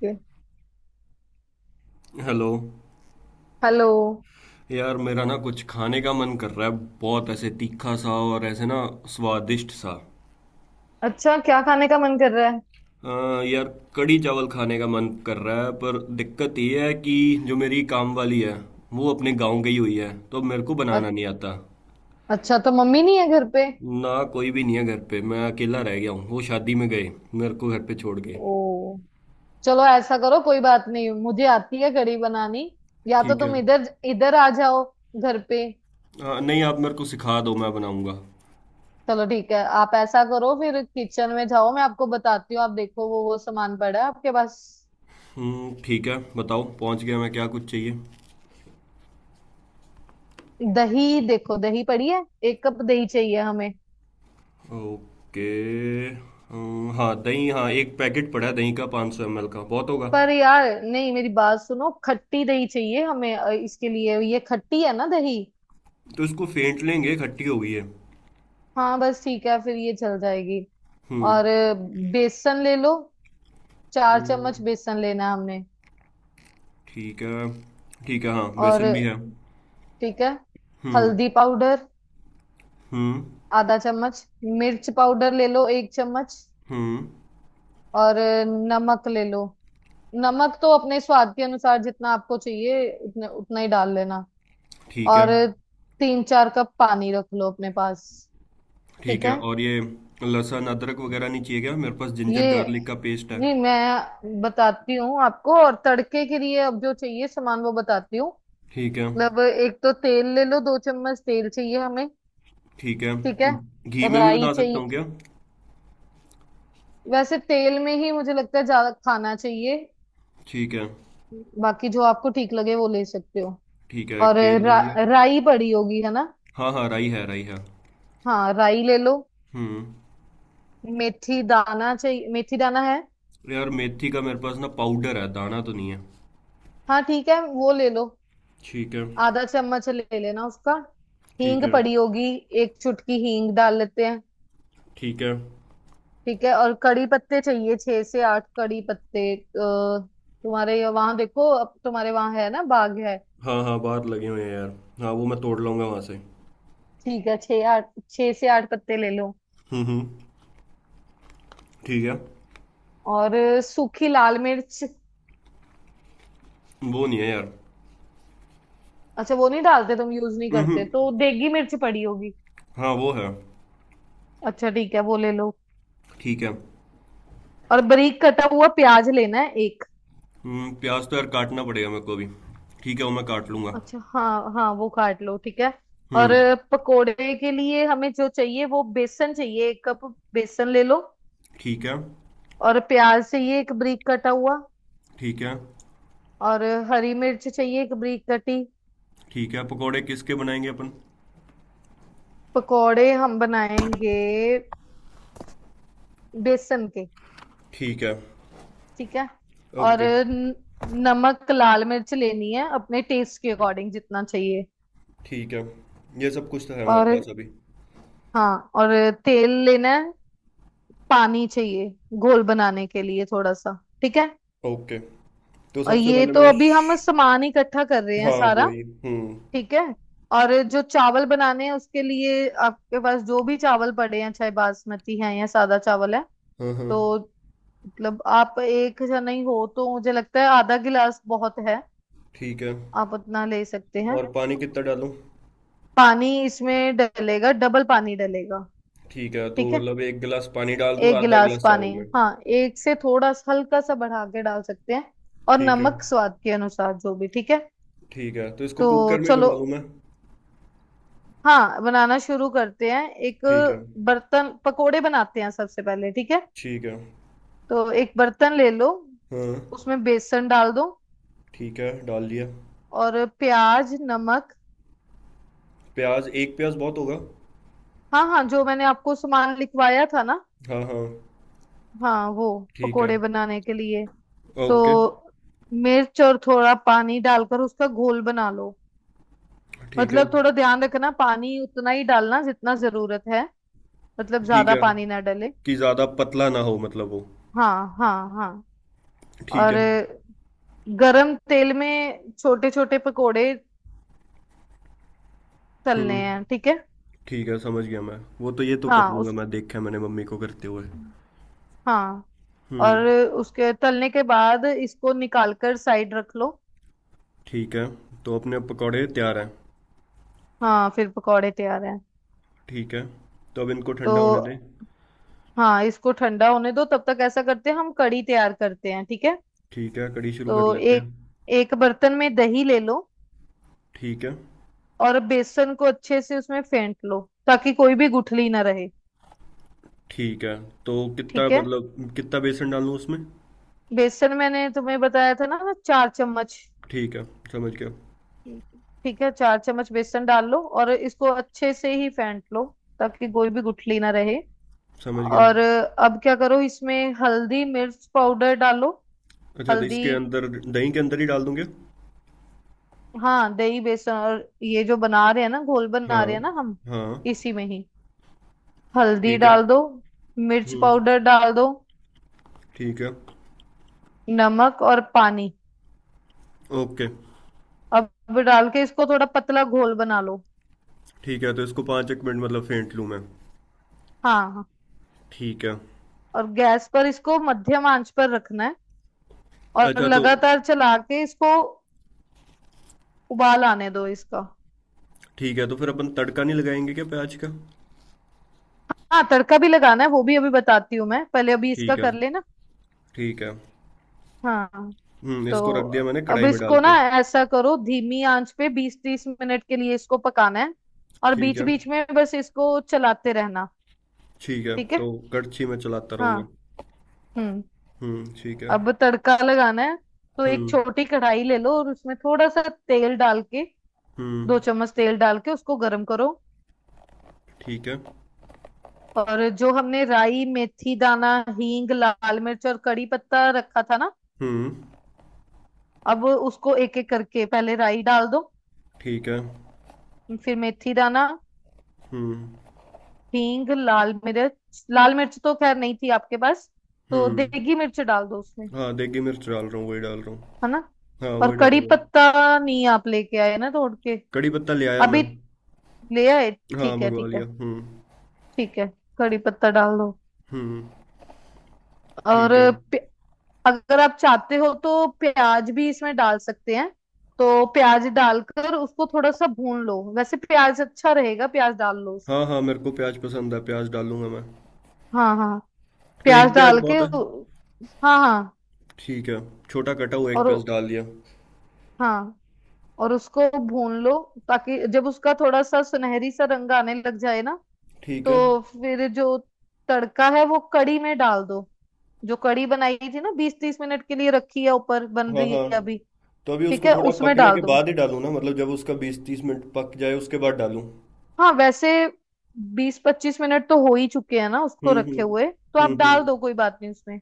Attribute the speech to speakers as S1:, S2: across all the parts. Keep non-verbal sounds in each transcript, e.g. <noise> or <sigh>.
S1: के
S2: hello.
S1: Hello.
S2: यार मेरा ना कुछ खाने का मन कर रहा है, बहुत ऐसे तीखा सा और ऐसे ना स्वादिष्ट सा।
S1: अच्छा, क्या खाने का मन कर रहा है?
S2: यार, कड़ी चावल खाने का मन कर रहा है पर दिक्कत ये है कि जो मेरी काम वाली है वो अपने गांव गई हुई है तो मेरे को
S1: अ-
S2: बनाना नहीं आता।
S1: अच्छा, तो मम्मी नहीं है घर पे?
S2: ना कोई भी नहीं है घर पे, मैं अकेला रह गया हूँ, वो शादी में गए, मेरे को घर पे छोड़ गए।
S1: ओ, चलो ऐसा करो, कोई बात नहीं, मुझे आती है कढ़ी बनानी। या तो
S2: ठीक है।
S1: तुम इधर इधर आ जाओ घर पे।
S2: नहीं, आप मेरे को सिखा दो, मैं बनाऊंगा।
S1: चलो ठीक है, आप ऐसा करो, फिर किचन में जाओ, मैं आपको बताती हूँ, आप देखो वो सामान पड़ा है आपके पास।
S2: हम्म, ठीक है, बताओ, पहुँच गया मैं, क्या कुछ चाहिए?
S1: दही देखो, दही पड़ी है। 1 कप दही चाहिए हमें।
S2: ओके। हाँ दही, हाँ एक पैकेट पड़ा है दही का, 500 सौ ml का बहुत होगा।
S1: पर यार नहीं, मेरी बात सुनो, खट्टी दही चाहिए हमें, इसके लिए, ये खट्टी है ना दही?
S2: तो इसको फेंट लेंगे, खट्टी हो गई है।
S1: हाँ बस, ठीक है, फिर ये चल जाएगी।
S2: हम्म।
S1: और बेसन ले लो। चार
S2: हम्म,
S1: चम्मच बेसन लेना है हमने।
S2: ठीक है। ठीक है, हाँ
S1: और
S2: बेसन भी है।
S1: ठीक है।
S2: हम्म।
S1: हल्दी पाउडर
S2: हम्म।
S1: आधा चम्मच। मिर्च पाउडर ले लो 1 चम्मच।
S2: हम्म।
S1: और नमक ले लो। नमक तो अपने स्वाद के अनुसार जितना आपको चाहिए उतने उतना ही डाल लेना।
S2: ठीक है।
S1: और 3-4 कप पानी रख लो अपने पास।
S2: ठीक
S1: ठीक
S2: है,
S1: है
S2: और ये लहसुन अदरक वगैरह नहीं चाहिए क्या? मेरे पास जिंजर
S1: ये,
S2: गार्लिक का पेस्ट है।
S1: नहीं मैं बताती हूँ आपको, और तड़के के लिए अब जो चाहिए सामान वो बताती हूँ।
S2: ठीक है।
S1: मतलब एक तो तेल ले लो, 2 चम्मच तेल चाहिए हमें,
S2: ठीक है,
S1: ठीक है।
S2: घी में भी
S1: राई
S2: बना सकता हूँ
S1: चाहिए।
S2: क्या?
S1: वैसे तेल में ही मुझे लगता है ज्यादा खाना चाहिए।
S2: ठीक है।
S1: बाकी जो आपको ठीक लगे वो ले सकते हो।
S2: ठीक है, एक
S1: और
S2: तेल ले लिया।
S1: राई पड़ी होगी है ना?
S2: हाँ हाँ, राई है, राई है।
S1: हाँ राई ले लो।
S2: हम्म।
S1: मेथी दाना चाहिए, मेथी दाना है?
S2: अरे यार, मेथी का मेरे पास ना पाउडर है, दाना तो नहीं है।
S1: हाँ ठीक है, वो ले लो।
S2: ठीक है।
S1: आधा चम्मच ले लेना उसका।
S2: ठीक
S1: हींग
S2: है।
S1: पड़ी होगी? 1 चुटकी हींग डाल लेते हैं,
S2: ठीक है।
S1: ठीक है। और कड़ी पत्ते चाहिए, 6 से 8 कड़ी पत्ते, तुम्हारे वहां देखो, अब तुम्हारे वहां है ना, बाग है।
S2: हाँ हाँ, बाहर लगे हुए हैं यार। हाँ वो मैं तोड़ लूँगा वहाँ से।
S1: ठीक है, 6 से 8 पत्ते ले लो।
S2: हम्म। ठीक है।
S1: और सूखी लाल मिर्च।
S2: वो नहीं है यार।
S1: अच्छा वो नहीं डालते तुम, यूज नहीं
S2: हम्म
S1: करते,
S2: हम्म,
S1: तो देगी मिर्च पड़ी होगी?
S2: हाँ वो है।
S1: अच्छा ठीक है, वो ले लो।
S2: ठीक है।
S1: और बारीक कटा हुआ प्याज लेना है एक।
S2: प्याज तो यार काटना पड़ेगा मेरे को अभी। ठीक है, वो मैं काट लूँगा।
S1: अच्छा हाँ हाँ, वो काट लो, ठीक है। और
S2: हम्म।
S1: पकोड़े के लिए हमें जो चाहिए वो बेसन चाहिए, 1 कप बेसन ले लो।
S2: ठीक है।
S1: और प्याज चाहिए एक बारीक कटा हुआ।
S2: ठीक है।
S1: और हरी मिर्च चाहिए एक बारीक कटी।
S2: ठीक है, पकोड़े किसके बनाएंगे अपन?
S1: पकोड़े हम बनाएंगे बेसन के,
S2: ठीक है।
S1: ठीक है। और
S2: ओके।
S1: नमक लाल मिर्च लेनी है अपने टेस्ट के अकॉर्डिंग जितना चाहिए।
S2: ठीक है। ये सब कुछ तो है मेरे
S1: और
S2: पास अभी।
S1: हाँ, और तेल लेना है। पानी चाहिए घोल बनाने के लिए थोड़ा सा, ठीक है।
S2: ओके। तो
S1: और
S2: सबसे
S1: ये
S2: पहले
S1: तो
S2: मैं
S1: अभी हम सामान इकट्ठा कर रहे हैं
S2: हाँ
S1: सारा,
S2: वही। हम्म।
S1: ठीक है। और जो चावल बनाने हैं उसके लिए आपके पास जो भी चावल पड़े हैं, चाहे बासमती हैं या सादा चावल है,
S2: हाँ हाँ।
S1: तो मतलब आप एक जने ही हो तो मुझे लगता है आधा गिलास बहुत है।
S2: ठीक है।
S1: आप उतना ले सकते हैं।
S2: और पानी कितना डालूं?
S1: पानी इसमें डलेगा, डबल पानी डलेगा।
S2: ठीक है, तो
S1: ठीक है,
S2: मतलब एक गिलास पानी डाल दूं,
S1: एक
S2: आधा
S1: गिलास
S2: गिलास
S1: पानी।
S2: चावल में।
S1: हाँ एक से थोड़ा सा हल्का सा बढ़ा के डाल सकते हैं। और
S2: ठीक है।
S1: नमक स्वाद के अनुसार जो भी ठीक है।
S2: ठीक है, तो इसको
S1: तो
S2: कुकर में ही
S1: चलो,
S2: बना लूँ मैं?
S1: हाँ बनाना शुरू करते हैं। एक
S2: ठीक है।
S1: बर्तन पकोड़े बनाते हैं सबसे पहले, ठीक है।
S2: ठीक है।
S1: तो एक बर्तन ले लो,
S2: हाँ।
S1: उसमें बेसन डाल दो।
S2: ठीक है, डाल दिया।
S1: और प्याज नमक,
S2: प्याज, एक प्याज बहुत होगा।
S1: हाँ हाँ, जो मैंने आपको सामान लिखवाया था ना,
S2: हाँ हाँ।
S1: हाँ वो,
S2: ठीक है।
S1: पकोड़े बनाने के लिए। तो
S2: ओके।
S1: मिर्च और थोड़ा पानी डालकर उसका घोल बना लो।
S2: ठीक है।
S1: मतलब थोड़ा ध्यान रखना, पानी उतना ही डालना जितना जरूरत है। मतलब
S2: ठीक
S1: ज्यादा
S2: है
S1: पानी ना डले।
S2: कि ज़्यादा पतला ना हो, मतलब वो।
S1: हाँ हाँ हाँ।
S2: ठीक
S1: और
S2: है।
S1: गरम तेल में छोटे छोटे पकोड़े तलने
S2: हम्म।
S1: हैं, ठीक है।
S2: ठीक है, समझ गया मैं। वो तो, ये तो कर
S1: हाँ
S2: लूँगा
S1: उस
S2: मैं, देखा है मैंने मम्मी को करते हुए।
S1: हाँ।
S2: हम्म।
S1: और उसके तलने के बाद इसको निकाल कर साइड रख लो।
S2: ठीक है, तो अपने पकौड़े तैयार हैं।
S1: हाँ फिर पकोड़े तैयार हैं।
S2: ठीक है, तो अब इनको
S1: तो
S2: ठंडा होने दे।
S1: हाँ इसको ठंडा होने दो, तब तक ऐसा करते हैं हम कढ़ी तैयार करते हैं, ठीक है।
S2: ठीक है, कढ़ी शुरू कर
S1: तो
S2: लेते
S1: एक
S2: हैं।
S1: एक बर्तन में दही ले लो।
S2: ठीक है।
S1: और बेसन को अच्छे से उसमें फेंट लो ताकि कोई भी गुठली ना रहे,
S2: ठीक है, तो कितना,
S1: ठीक है।
S2: मतलब कितना बेसन डाल लूँ उसमें?
S1: बेसन मैंने तुम्हें बताया था ना, 4 चम्मच।
S2: ठीक है, समझ गया।
S1: ठीक है, 4 चम्मच बेसन डाल लो और इसको अच्छे से ही फेंट लो ताकि कोई भी गुठली ना रहे।
S2: समझ गया।
S1: और अब क्या करो, इसमें हल्दी मिर्च पाउडर डालो।
S2: अच्छा, तो
S1: हल्दी,
S2: इसके अंदर दही के अंदर ही डाल दूँगे?
S1: हाँ दही बेसन और ये जो बना रहे हैं ना, घोल बना
S2: हाँ
S1: रहे हैं ना हम,
S2: हाँ।
S1: इसी में ही हल्दी
S2: ठीक है।
S1: डाल दो। मिर्च
S2: हम्म।
S1: पाउडर डाल दो।
S2: ठीक है।
S1: नमक और पानी।
S2: ओके।
S1: अब डाल के इसको थोड़ा पतला घोल बना लो।
S2: ठीक है, तो इसको पाँच एक मिनट मतलब फेंट लूँ मैं?
S1: हाँ हाँ।
S2: ठीक है।
S1: और गैस पर इसको मध्यम आंच पर रखना है, और
S2: अच्छा तो।
S1: लगातार चला के इसको उबाल आने दो इसका।
S2: ठीक है, तो फिर अपन तड़का नहीं लगाएंगे क्या प्याज का?
S1: हाँ तड़का भी लगाना है, वो भी अभी बताती हूँ मैं, पहले अभी इसका
S2: ठीक है।
S1: कर लेना।
S2: ठीक है।
S1: हाँ।
S2: हम्म,
S1: तो
S2: इसको रख दिया मैंने
S1: अब
S2: कढ़ाई में डाल
S1: इसको ना,
S2: के।
S1: ऐसा करो धीमी आंच पे 20-30 मिनट के लिए इसको पकाना है। और
S2: ठीक
S1: बीच
S2: है।
S1: बीच में बस इसको चलाते रहना।
S2: ठीक है,
S1: ठीक है।
S2: तो करछी मैं चलाता
S1: हाँ
S2: रहूँगा।
S1: हम्म।
S2: हुँ, ठीक है।
S1: अब तड़का लगाना है। तो
S2: हुँ।
S1: एक छोटी कढ़ाई ले लो और उसमें थोड़ा सा तेल डाल के,
S2: हुँ।
S1: 2 चम्मच तेल डाल के उसको गर्म करो।
S2: ठीक है।
S1: और जो हमने राई मेथी दाना हींग लाल मिर्च और कड़ी पत्ता रखा था ना,
S2: हुँ।
S1: अब उसको एक एक करके पहले राई डाल दो।
S2: ठीक है।
S1: फिर मेथी दाना
S2: हुँ।
S1: हींग लाल मिर्च, लाल मिर्च तो खैर नहीं थी आपके पास, तो
S2: हुँ।
S1: देगी मिर्च डाल दो उसमें,
S2: हाँ, देगी मिर्च डाल रहा हूँ, वही डाल रहा हूँ।
S1: है ना?
S2: हाँ,
S1: और
S2: वही
S1: कड़ी
S2: डालूंगा।
S1: पत्ता नहीं आप लेके आए ना तोड़ के?
S2: कड़ी पत्ता ले आया मैं।
S1: अभी ले आए,
S2: हाँ,
S1: ठीक है
S2: मंगवा
S1: ठीक
S2: लिया।
S1: है
S2: हुँ।
S1: ठीक है। कड़ी पत्ता डाल दो।
S2: हुँ।
S1: और
S2: ठीक है।
S1: प्य- अगर आप चाहते हो तो प्याज भी इसमें डाल सकते हैं। तो प्याज डालकर उसको थोड़ा सा भून लो, वैसे प्याज अच्छा रहेगा, प्याज डाल लो
S2: हाँ
S1: उसमें।
S2: हाँ, मेरे को प्याज पसंद है, प्याज डालूंगा मैं।
S1: हाँ हाँ,
S2: तो
S1: प्याज
S2: एक प्याज
S1: डाल के,
S2: बहुत है।
S1: हाँ हाँ।
S2: ठीक है। छोटा कटा हुआ एक
S1: और
S2: प्याज डाल दिया।
S1: हाँ, और उसको भून लो, ताकि जब उसका थोड़ा सा सुनहरी सा रंग आने लग जाए ना,
S2: ठीक है।
S1: तो फिर जो तड़का है वो कड़ी में डाल दो। जो कड़ी बनाई थी ना, 20-30 मिनट के लिए रखी है, ऊपर बन
S2: हाँ
S1: रही
S2: हाँ।
S1: है अभी,
S2: तो अभी
S1: ठीक
S2: उसको
S1: है,
S2: थोड़ा
S1: उसमें
S2: पकने
S1: डाल
S2: के
S1: दो।
S2: बाद ही डालूं ना, मतलब जब उसका 20-30 मिनट पक जाए उसके बाद डालूं?
S1: हाँ वैसे 20-25 मिनट तो हो ही चुके हैं ना उसको
S2: हम्म।
S1: रखे
S2: हम्म।
S1: हुए, तो
S2: हम्म।
S1: आप डाल दो, कोई बात नहीं उसमें,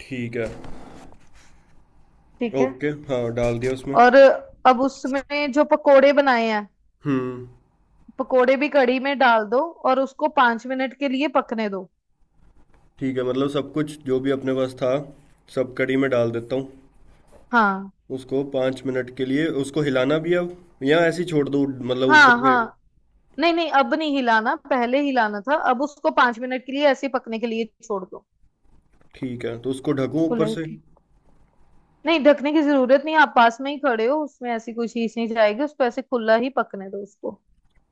S2: ठीक है।
S1: ठीक है।
S2: ओके, हाँ डाल दिया उसमें।
S1: और अब उसमें जो पकोड़े बनाए हैं,
S2: हम्म।
S1: पकोड़े भी कड़ी में डाल दो, और उसको 5 मिनट के लिए पकने दो।
S2: ठीक है, मतलब सब कुछ जो भी अपने पास था सब कढ़ी में डाल देता हूँ।
S1: हाँ
S2: उसको 5 मिनट के लिए उसको हिलाना भी है अब, या ऐसे ही छोड़ दो मतलब
S1: हाँ
S2: ऊपर से?
S1: हाँ। नहीं नहीं, अब नहीं हिलाना, पहले हिलाना था, अब उसको 5 मिनट के लिए ऐसे ही पकने के लिए छोड़ दो।
S2: ठीक है, तो उसको ढकूं
S1: खुला
S2: ऊपर
S1: ही
S2: से?
S1: ठीक, नहीं ढकने की जरूरत नहीं, आप पास में ही खड़े हो, उसमें ऐसी कोई चीज नहीं जाएगी, उसको ऐसे खुला ही पकने दो उसको।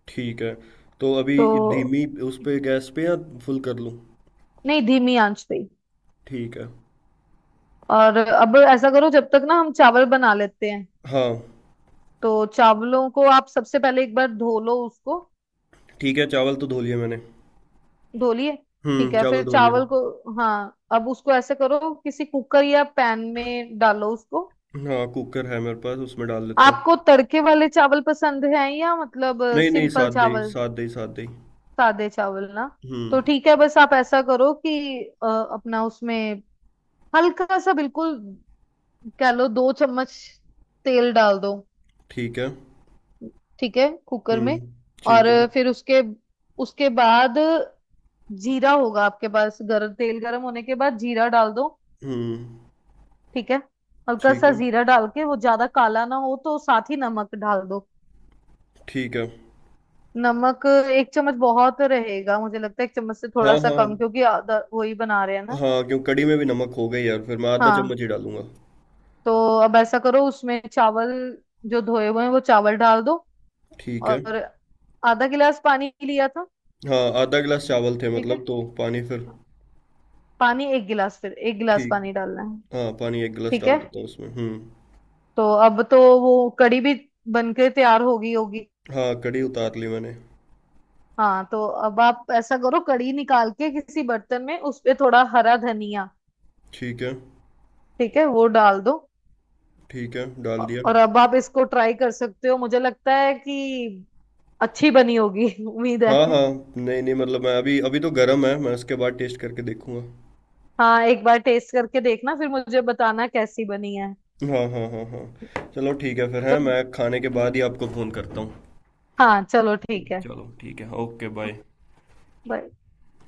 S2: ठीक है, तो अभी
S1: तो
S2: धीमी उस पे गैस पे या फुल कर लूँ?
S1: नहीं, धीमी आंच पे ही।
S2: ठीक है।
S1: और अब ऐसा करो जब तक ना हम चावल बना लेते हैं,
S2: हाँ।
S1: तो चावलों को आप सबसे पहले एक बार धो लो उसको।
S2: ठीक है, चावल तो धो लिए मैंने।
S1: धो लिए?
S2: हम्म,
S1: ठीक है,
S2: चावल
S1: फिर
S2: धो लिए।
S1: चावल को, हाँ अब उसको ऐसे करो, किसी कुकर या पैन में डालो उसको।
S2: हाँ, कुकर है मेरे पास, उसमें डाल देता हूँ।
S1: आपको तड़के वाले चावल पसंद हैं या मतलब
S2: नहीं नहीं,
S1: सिंपल
S2: साथ दे ही,
S1: चावल?
S2: साथ दे ही, साथ दे ही।
S1: सादे चावल ना। तो
S2: हुँ,
S1: ठीक है, बस आप ऐसा करो कि अपना उसमें हल्का सा बिल्कुल, कह लो 2 चम्मच तेल डाल दो।
S2: ठीक है।
S1: ठीक है, कुकर में।
S2: हुँ,
S1: और
S2: ठीक है।
S1: फिर उसके उसके बाद जीरा होगा आपके पास, गरम तेल गरम होने के बाद जीरा डाल दो,
S2: हुँ,
S1: ठीक है। हल्का
S2: ठीक
S1: सा
S2: है,
S1: जीरा डाल के, वो ज्यादा काला ना हो तो साथ ही नमक डाल दो।
S2: ठीक है।
S1: नमक 1 चम्मच बहुत रहेगा मुझे लगता है, 1 चम्मच से थोड़ा
S2: हाँ,
S1: सा कम,
S2: हाँ।
S1: क्योंकि आधा वही बना रहे हैं ना।
S2: हाँ, क्यों, कढ़ी में भी नमक होगा ही यार, फिर मैं आधा चम्मच
S1: हाँ,
S2: ही डालूँगा।
S1: तो अब ऐसा करो, उसमें चावल जो धोए हुए हैं वो चावल डाल दो।
S2: ठीक है।
S1: और आधा गिलास पानी लिया था,
S2: हाँ, आधा गिलास चावल थे
S1: ठीक
S2: मतलब,
S1: है,
S2: तो पानी फिर?
S1: पानी 1 गिलास, फिर 1 गिलास
S2: ठीक।
S1: पानी डालना है।
S2: हाँ, पानी 1 गिलास
S1: ठीक
S2: डाल
S1: है,
S2: देता हूँ उसमें। हुँ।
S1: तो अब तो वो कड़ी भी बनके तैयार होगी होगी।
S2: हाँ, कढ़ी उतार ली मैंने।
S1: हाँ तो अब आप ऐसा करो, कड़ी निकाल के किसी बर्तन में उस पे थोड़ा हरा धनिया,
S2: ठीक है।
S1: ठीक है वो डाल दो।
S2: ठीक है, डाल दिया।
S1: और अब आप इसको ट्राई कर सकते हो, मुझे लगता है कि अच्छी बनी होगी <laughs> उम्मीद
S2: हाँ,
S1: है।
S2: हाँ। नहीं नहीं, मतलब मैं, अभी अभी तो गर्म है, मैं उसके बाद टेस्ट करके देखूँगा।
S1: हाँ एक बार टेस्ट करके देखना, फिर मुझे बताना कैसी बनी है।
S2: हाँ, हाँ, हाँ, हाँ। चलो ठीक है फिर। हैं,
S1: चलो,
S2: मैं खाने के बाद ही आपको फ़ोन करता हूँ।
S1: हाँ चलो ठीक है,
S2: चलो ठीक है, ओके, बाय।
S1: Bye.